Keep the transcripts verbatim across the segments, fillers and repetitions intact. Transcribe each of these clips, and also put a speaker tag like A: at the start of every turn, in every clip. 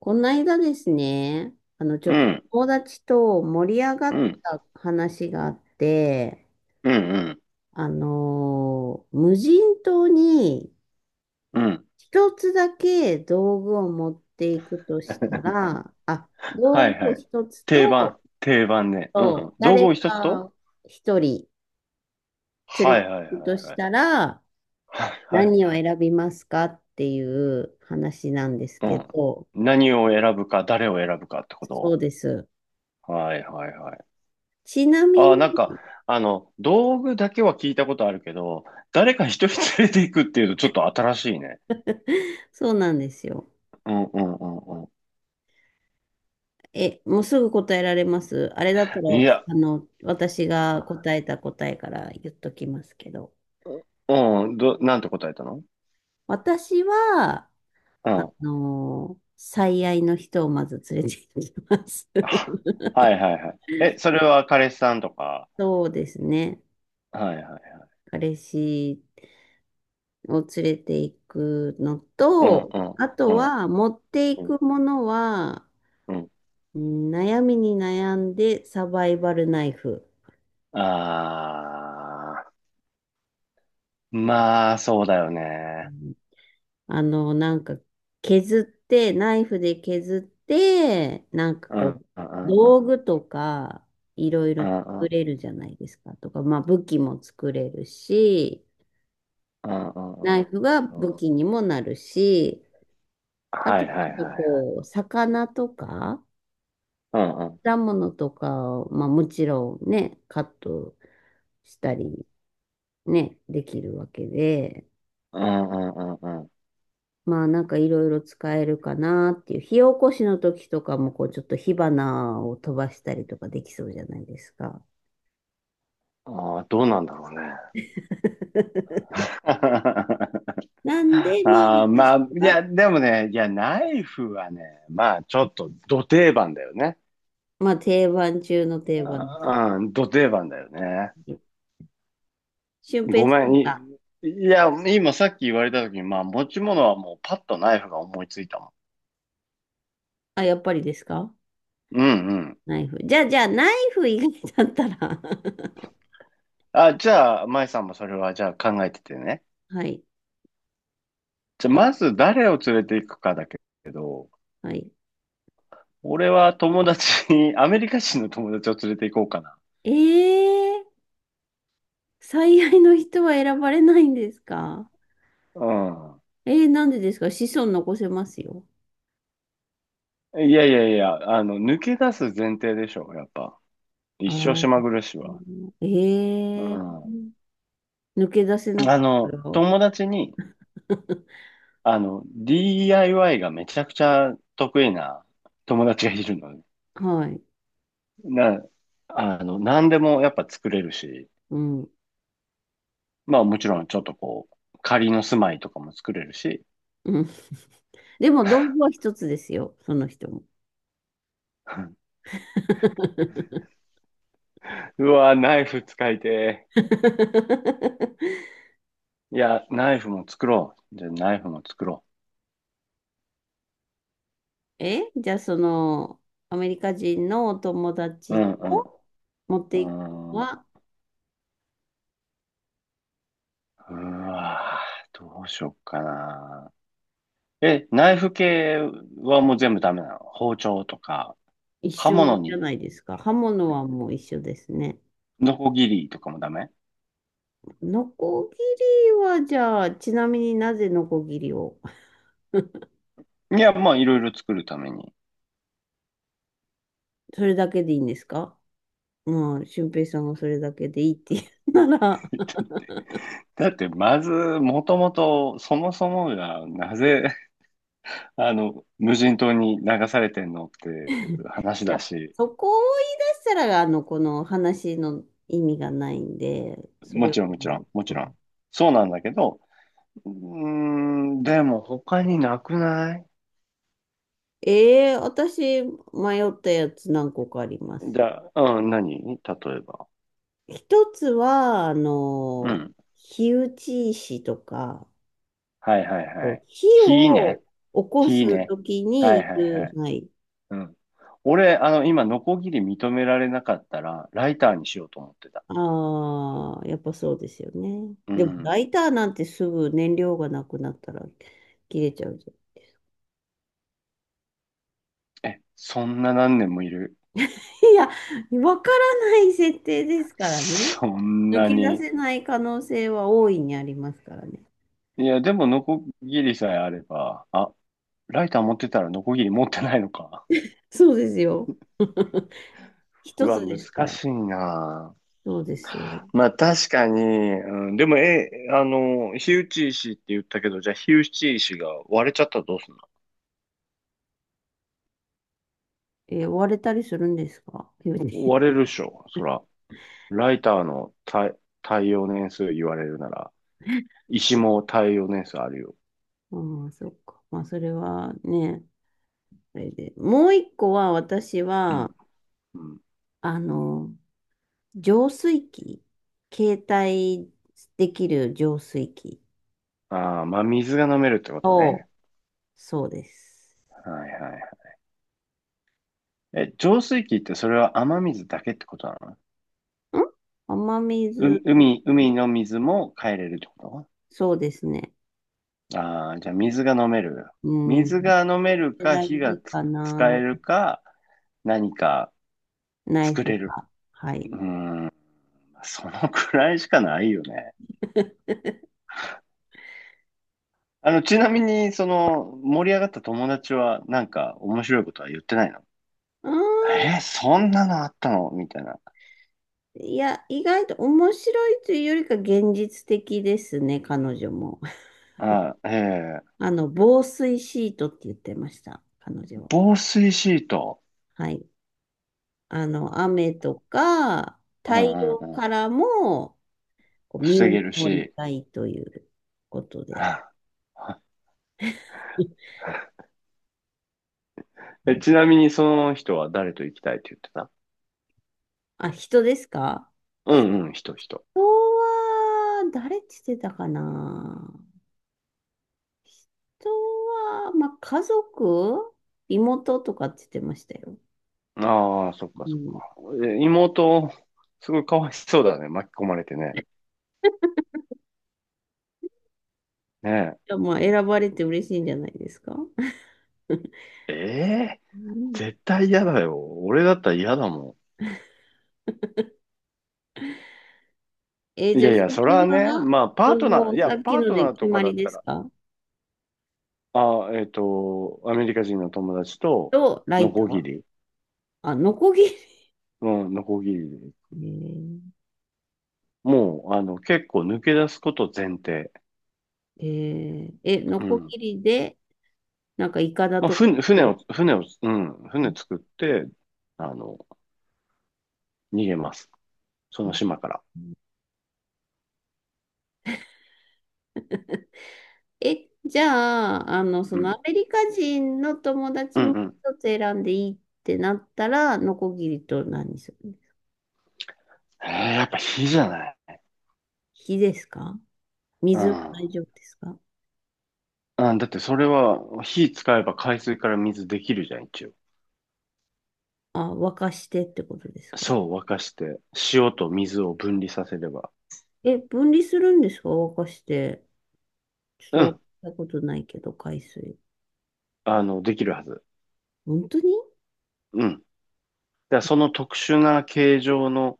A: この間ですね、あの、ちょ
B: う
A: っと
B: ん、
A: 友達と盛り上が
B: う
A: っ
B: ん、
A: た話があって、
B: うん、うん、
A: あのー無人島に
B: うん。
A: 一つだけ道具を持っていくとしたら、あ、
B: は
A: 道
B: い
A: 具
B: は
A: を
B: い。
A: 一つ
B: 定
A: と、
B: 番、定番ね。うん。
A: と
B: 道具
A: 誰
B: を一つと
A: か一人連
B: は
A: れ
B: い
A: て
B: はいは
A: いくと
B: い
A: し
B: はい。
A: たら、
B: はい
A: 何を
B: はい。
A: 選びますかっていう話なんです
B: う
A: け
B: ん。
A: ど。
B: 何を選ぶか、誰を選ぶかってこ
A: そう
B: と。
A: です。
B: はいはいはい。
A: ちなみ
B: ああ、なんか、
A: に、
B: あの、道具だけは聞いたことあるけど、誰か一人連れていくっていうとちょっと新しいね。
A: そうなんですよ。
B: うんうんうんう
A: え、もうすぐ答えられます。あれだった
B: ん。い
A: ら、
B: や、
A: あの、私が答えた答えから言っときますけど。
B: うん、ど、なんて答えたの？
A: 私は、
B: う
A: あ
B: ん。
A: の、最愛の人をまず連れて行きます。
B: あ はいはいはい。え、それは彼氏さんとか。
A: そうですね。
B: はいはい。
A: 彼氏を連れて行くの
B: うん
A: と、
B: うん
A: あ
B: う
A: と
B: ん。
A: は持ってい
B: うん、
A: くものは、
B: うん。
A: うん悩みに悩んでサバイバルナイフ。
B: ああ、まあ、そうだよね。
A: あの、なんか、削って、ナイフで削って、なんか
B: う
A: こ
B: ん、
A: う、
B: うん、うん、う
A: 道
B: ん、
A: 具とか、いろいろ
B: うん、う
A: 作
B: ん、
A: れるじゃないですか。とか、まあ、武器も作れるし、
B: うん、
A: ナ
B: う
A: イ
B: ん。
A: フが
B: う
A: 武
B: ん
A: 器にもなるし、あ
B: は
A: と、
B: い、はい、
A: なん
B: は
A: か
B: いはい。
A: こう、魚とか、
B: うん、うん、
A: 果物とかを、まあ、もちろんね、カットしたり、ね、できるわけで、
B: うん、うん、うん。うん
A: まあなんかいろいろ使えるかなっていう。火起こしの時とかもこうちょっと火花を飛ばしたりとかできそうじゃないですか。
B: ああ、どうなんだろうね。
A: なんで、まあ
B: ああ、ま
A: 私
B: あ、いや、
A: は、
B: でもね、いや、ナイフはね、まあ、ちょっと、ど定番だよね。
A: まあ定番中の定番です
B: あうん、ど定番だよね。
A: ね。俊平
B: ご
A: さ
B: めん、
A: ん
B: い、
A: が、
B: いや、今さっき言われた時に、まあ、持ち物はもうパッとナイフが思いついたもん。
A: あ、やっぱりですか？
B: うん、うん。
A: ナイフ。じゃあ、じゃあナイフ以外だったら
B: あ、じゃあ、舞さんもそれはじゃあ考えててね。
A: はい、
B: じゃあ、まず誰を連れていくかだけど、
A: はい。
B: 俺は友達、アメリカ人の友達を連れて行こうかな。
A: えー、最愛の人は選ばれないんですか？
B: う
A: えー、なんでですか？子孫残せますよ。
B: ん。いやいやいや、あの、抜け出す前提でしょ、やっぱ。一
A: あ
B: 生島
A: あ、
B: 暮らしは。う
A: ええ
B: ん。
A: ー。抜け出せなか
B: あ
A: った
B: の、
A: よ。
B: 友達に、あの、ディーアイワイ がめちゃくちゃ得意な友達がいるのね。
A: はい。
B: な、あの、何でもやっぱ作れるし、
A: うん。うん。
B: まあもちろんちょっとこう、仮の住まいとかも作れるし、
A: でも、道具は一つですよ、その人も。
B: うわ、ナイフ使いてーいや、ナイフも作ろう。じゃあ、ナイフも作ろ
A: え、じゃあ、その、アメリカ人のお友
B: う。う
A: 達
B: んう
A: と持っていく
B: ん。
A: の
B: うーん。
A: は
B: うわー、どうしよっかな。え、ナイフ系はもう全部ダメなの？包丁とか、
A: 一
B: 刃
A: 緒
B: 物
A: じゃ
B: に、
A: ないですか。刃物はもう一緒ですね。
B: ノコギリとかもダメ？
A: ノコギリは、じゃあ、ちなみになぜノコギリを。
B: いや、まあ、いろいろ作るために。
A: それだけでいいんですか？うん、俊平さんがそれだけでいいって言うなら。
B: だって、まず、もともと、そもそもが、なぜ、あの、無人島に流されてんのっていう話
A: い
B: だ
A: や、
B: し、
A: そこを言い出したら、あの、この話の意味がないんで、そ
B: も
A: れは
B: ちろん、もちろ
A: も
B: ん、も
A: う、
B: ち
A: う
B: ろん。
A: ん
B: そうなんだけど、うーん、でも他になくない？
A: ええ私、迷ったやつ何個かあります。
B: じゃあ、うん、何例えば。
A: 一つは、あ
B: う
A: の、
B: ん。
A: 火打ち石とか、
B: はいはい
A: こ
B: はい。
A: う、火
B: 火
A: を
B: ね。
A: 起こ
B: 火
A: す
B: ね。
A: とき
B: は
A: に
B: いはい
A: 行
B: はい。
A: く、はい。
B: うん。俺、あの、今、ノコギリ認められなかったら、ライターにしようと思ってた。
A: ああ、やっぱそうですよね。
B: う
A: でも、
B: ん。
A: ライターなんてすぐ燃料がなくなったら切れちゃう。
B: え、そんな何年もいる？
A: いや、わからない設定ですからね。
B: そん
A: 抜
B: な
A: け出
B: に。
A: せない可能性は大いにありますからね。
B: いや、でも、ノコギリさえあれば、あ、ライター持ってたらノコギリ持ってないのか。
A: そうですよ。
B: う
A: 一つ
B: わ、
A: で
B: 難
A: すから。
B: しいな。
A: そうですよ。
B: まあ確かに、うん、でも、え、あの、火打ち石って言ったけど、じゃあ火打ち石が割れちゃったらどうすんの？
A: えー追われたりするんですか？言
B: 割れるっしょ、そら。ライターの耐、耐用年数言われるなら、石も耐用年数あるよ。
A: ああー、そっか。まあ、それはね、あれで。もう一個は、私
B: う
A: は、
B: ん。うん。
A: あの、浄水器、携帯できる浄水器
B: ああ、まあ水が飲めるってこと
A: を、
B: ね。
A: そうです。
B: はいはいはい。え、浄水器ってそれは雨水だけってことなの？
A: ん雨
B: う、
A: 水、
B: 海、海の水も変えれるってこと？
A: そうですね。
B: ああ、じゃあ水が飲める。
A: うん。
B: 水が飲めるか、
A: 大
B: 火が
A: 事
B: つ
A: か
B: 使
A: な。
B: えるか、何か
A: ナイ
B: 作
A: フ
B: れる。
A: が。は
B: う
A: い。
B: ーん、そのくらいしかないよね。あの、ちなみに、その、盛り上がった友達は、なんか、面白いことは言ってないの？
A: うーん。
B: えーそんなのあったのみたいな。
A: いや、意外と面白いというよりか現実的ですね、彼女も。
B: あええ
A: あの、防水シートって言ってました、彼女は。
B: 防水シート。
A: はい。あの、雨とか
B: う
A: 太
B: んう
A: 陽
B: んう
A: か
B: ん。
A: らもこう身
B: 防
A: を
B: げる
A: 守り
B: し。
A: たいということで。
B: え、ち なみに、その人は誰と行きたいって言ってた？
A: あ、人ですか？
B: うんうん、人、人。
A: 人は、誰って言ってたかな。人は、まあ、家族、妹とかって言ってましたよ。
B: ああ、そっか
A: う
B: そっ
A: ん。い
B: か。え妹、すごいかわいそうだね。巻き込まれてね。ね
A: やまあ、選ばれて嬉しいんじゃないですか。
B: え。ええ
A: うん。
B: 絶対嫌だよ。俺だったら嫌だも
A: えー
B: ん。い
A: じゃあ、
B: やい
A: 翔
B: や、それ
A: 平
B: は
A: さん
B: ね、
A: は、
B: まあ、パー
A: そ
B: トナー、
A: の、
B: いや、
A: さっき
B: パー
A: の
B: ト
A: で
B: ナー
A: 決
B: とか
A: ま
B: だ
A: り
B: っ
A: で
B: た
A: す
B: ら、
A: か？
B: ああ、えっと、アメリカ人の友達と、
A: と、ラ
B: ノ
A: イタ
B: コギ
A: ー、
B: リ。
A: あ、ノコギ
B: うん、ノコギリで。
A: リ。
B: もう、あの、結構抜け出すこと前提。
A: えー、えーえノ
B: う
A: コ
B: ん。
A: ギリで、なんか、イカダ
B: まあ、
A: とか
B: 船、
A: 作
B: 船を、
A: る。
B: 船を、うん、船作って、あの、逃げます。その
A: え
B: 島から。
A: え、じゃあ、あの、そ
B: う
A: の
B: ん。
A: アメリカ人の友
B: う
A: 達
B: ん
A: も
B: うん。
A: 一つ選んでいいってなったら、ノコギリと何する？
B: えー、やっぱ火じゃない。
A: 火ですか？
B: う
A: 水は
B: ん。
A: 大丈夫ですか？
B: うん、だってそれは火使えば海水から水できるじゃん、一応。
A: あ、沸かしてってことですか？
B: そう、沸かして、塩と水を分離させれば。
A: え、分離するんですか？沸かして。ち
B: う
A: ょっと沸か
B: ん。
A: したことないけど、海水。
B: あの、できるはず。
A: 本当に？
B: うん。で、その特殊な形状の、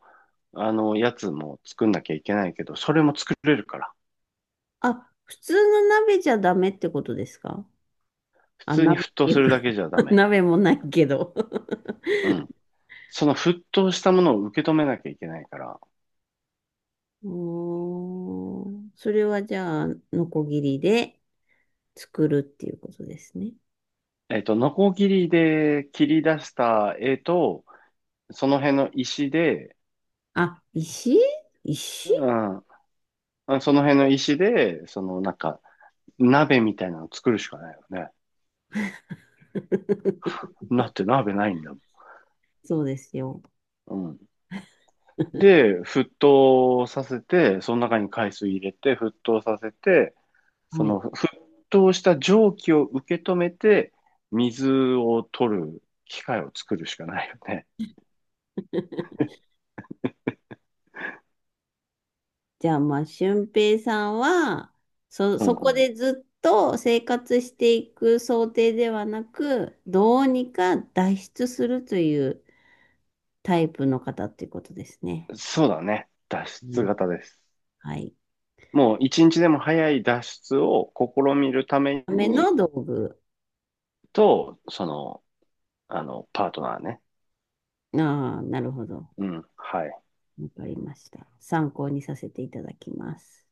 B: あの、やつも作んなきゃいけないけど、それも作れるから。
A: あ、普通の鍋じゃダメってことですか？
B: 普
A: あ、
B: 通に
A: 鍋っ
B: 沸騰
A: てい
B: す
A: う
B: るだ
A: か
B: けじゃダ メ。
A: 鍋もないけど
B: うん。その沸騰したものを受け止めなきゃいけないから、
A: うーん。それはじゃあ、ノコギリで。作るっていうことですね。
B: えっと、ノコギリで切り出した絵と、その辺の石で、
A: あ、石、
B: う
A: 石
B: ん、あその辺の石で、そのなんか、鍋みたいなの作るしかないよね。だって鍋ないんだも
A: そうですよ。
B: ん。うん。で、沸騰させて、その中に海水入れて、沸騰させて、そ
A: はい。
B: の沸騰した蒸気を受け止めて、水を取る機械を作るしかないよね。
A: じゃあ、まあ、俊平さんは、そ、
B: うん
A: そこ
B: う
A: でずっと生活していく想定ではなく、どうにか脱出するというタイプの方っていうことですね。
B: ん。そうだね。脱
A: う
B: 出
A: ん、
B: 型です。
A: はい。
B: もう一日でも早い脱出を試みるため
A: ため
B: に
A: の道具。
B: と、その、あの、パートナーね。
A: ああ、なるほど。
B: うん。はい。
A: わかりました。参考にさせていただきます。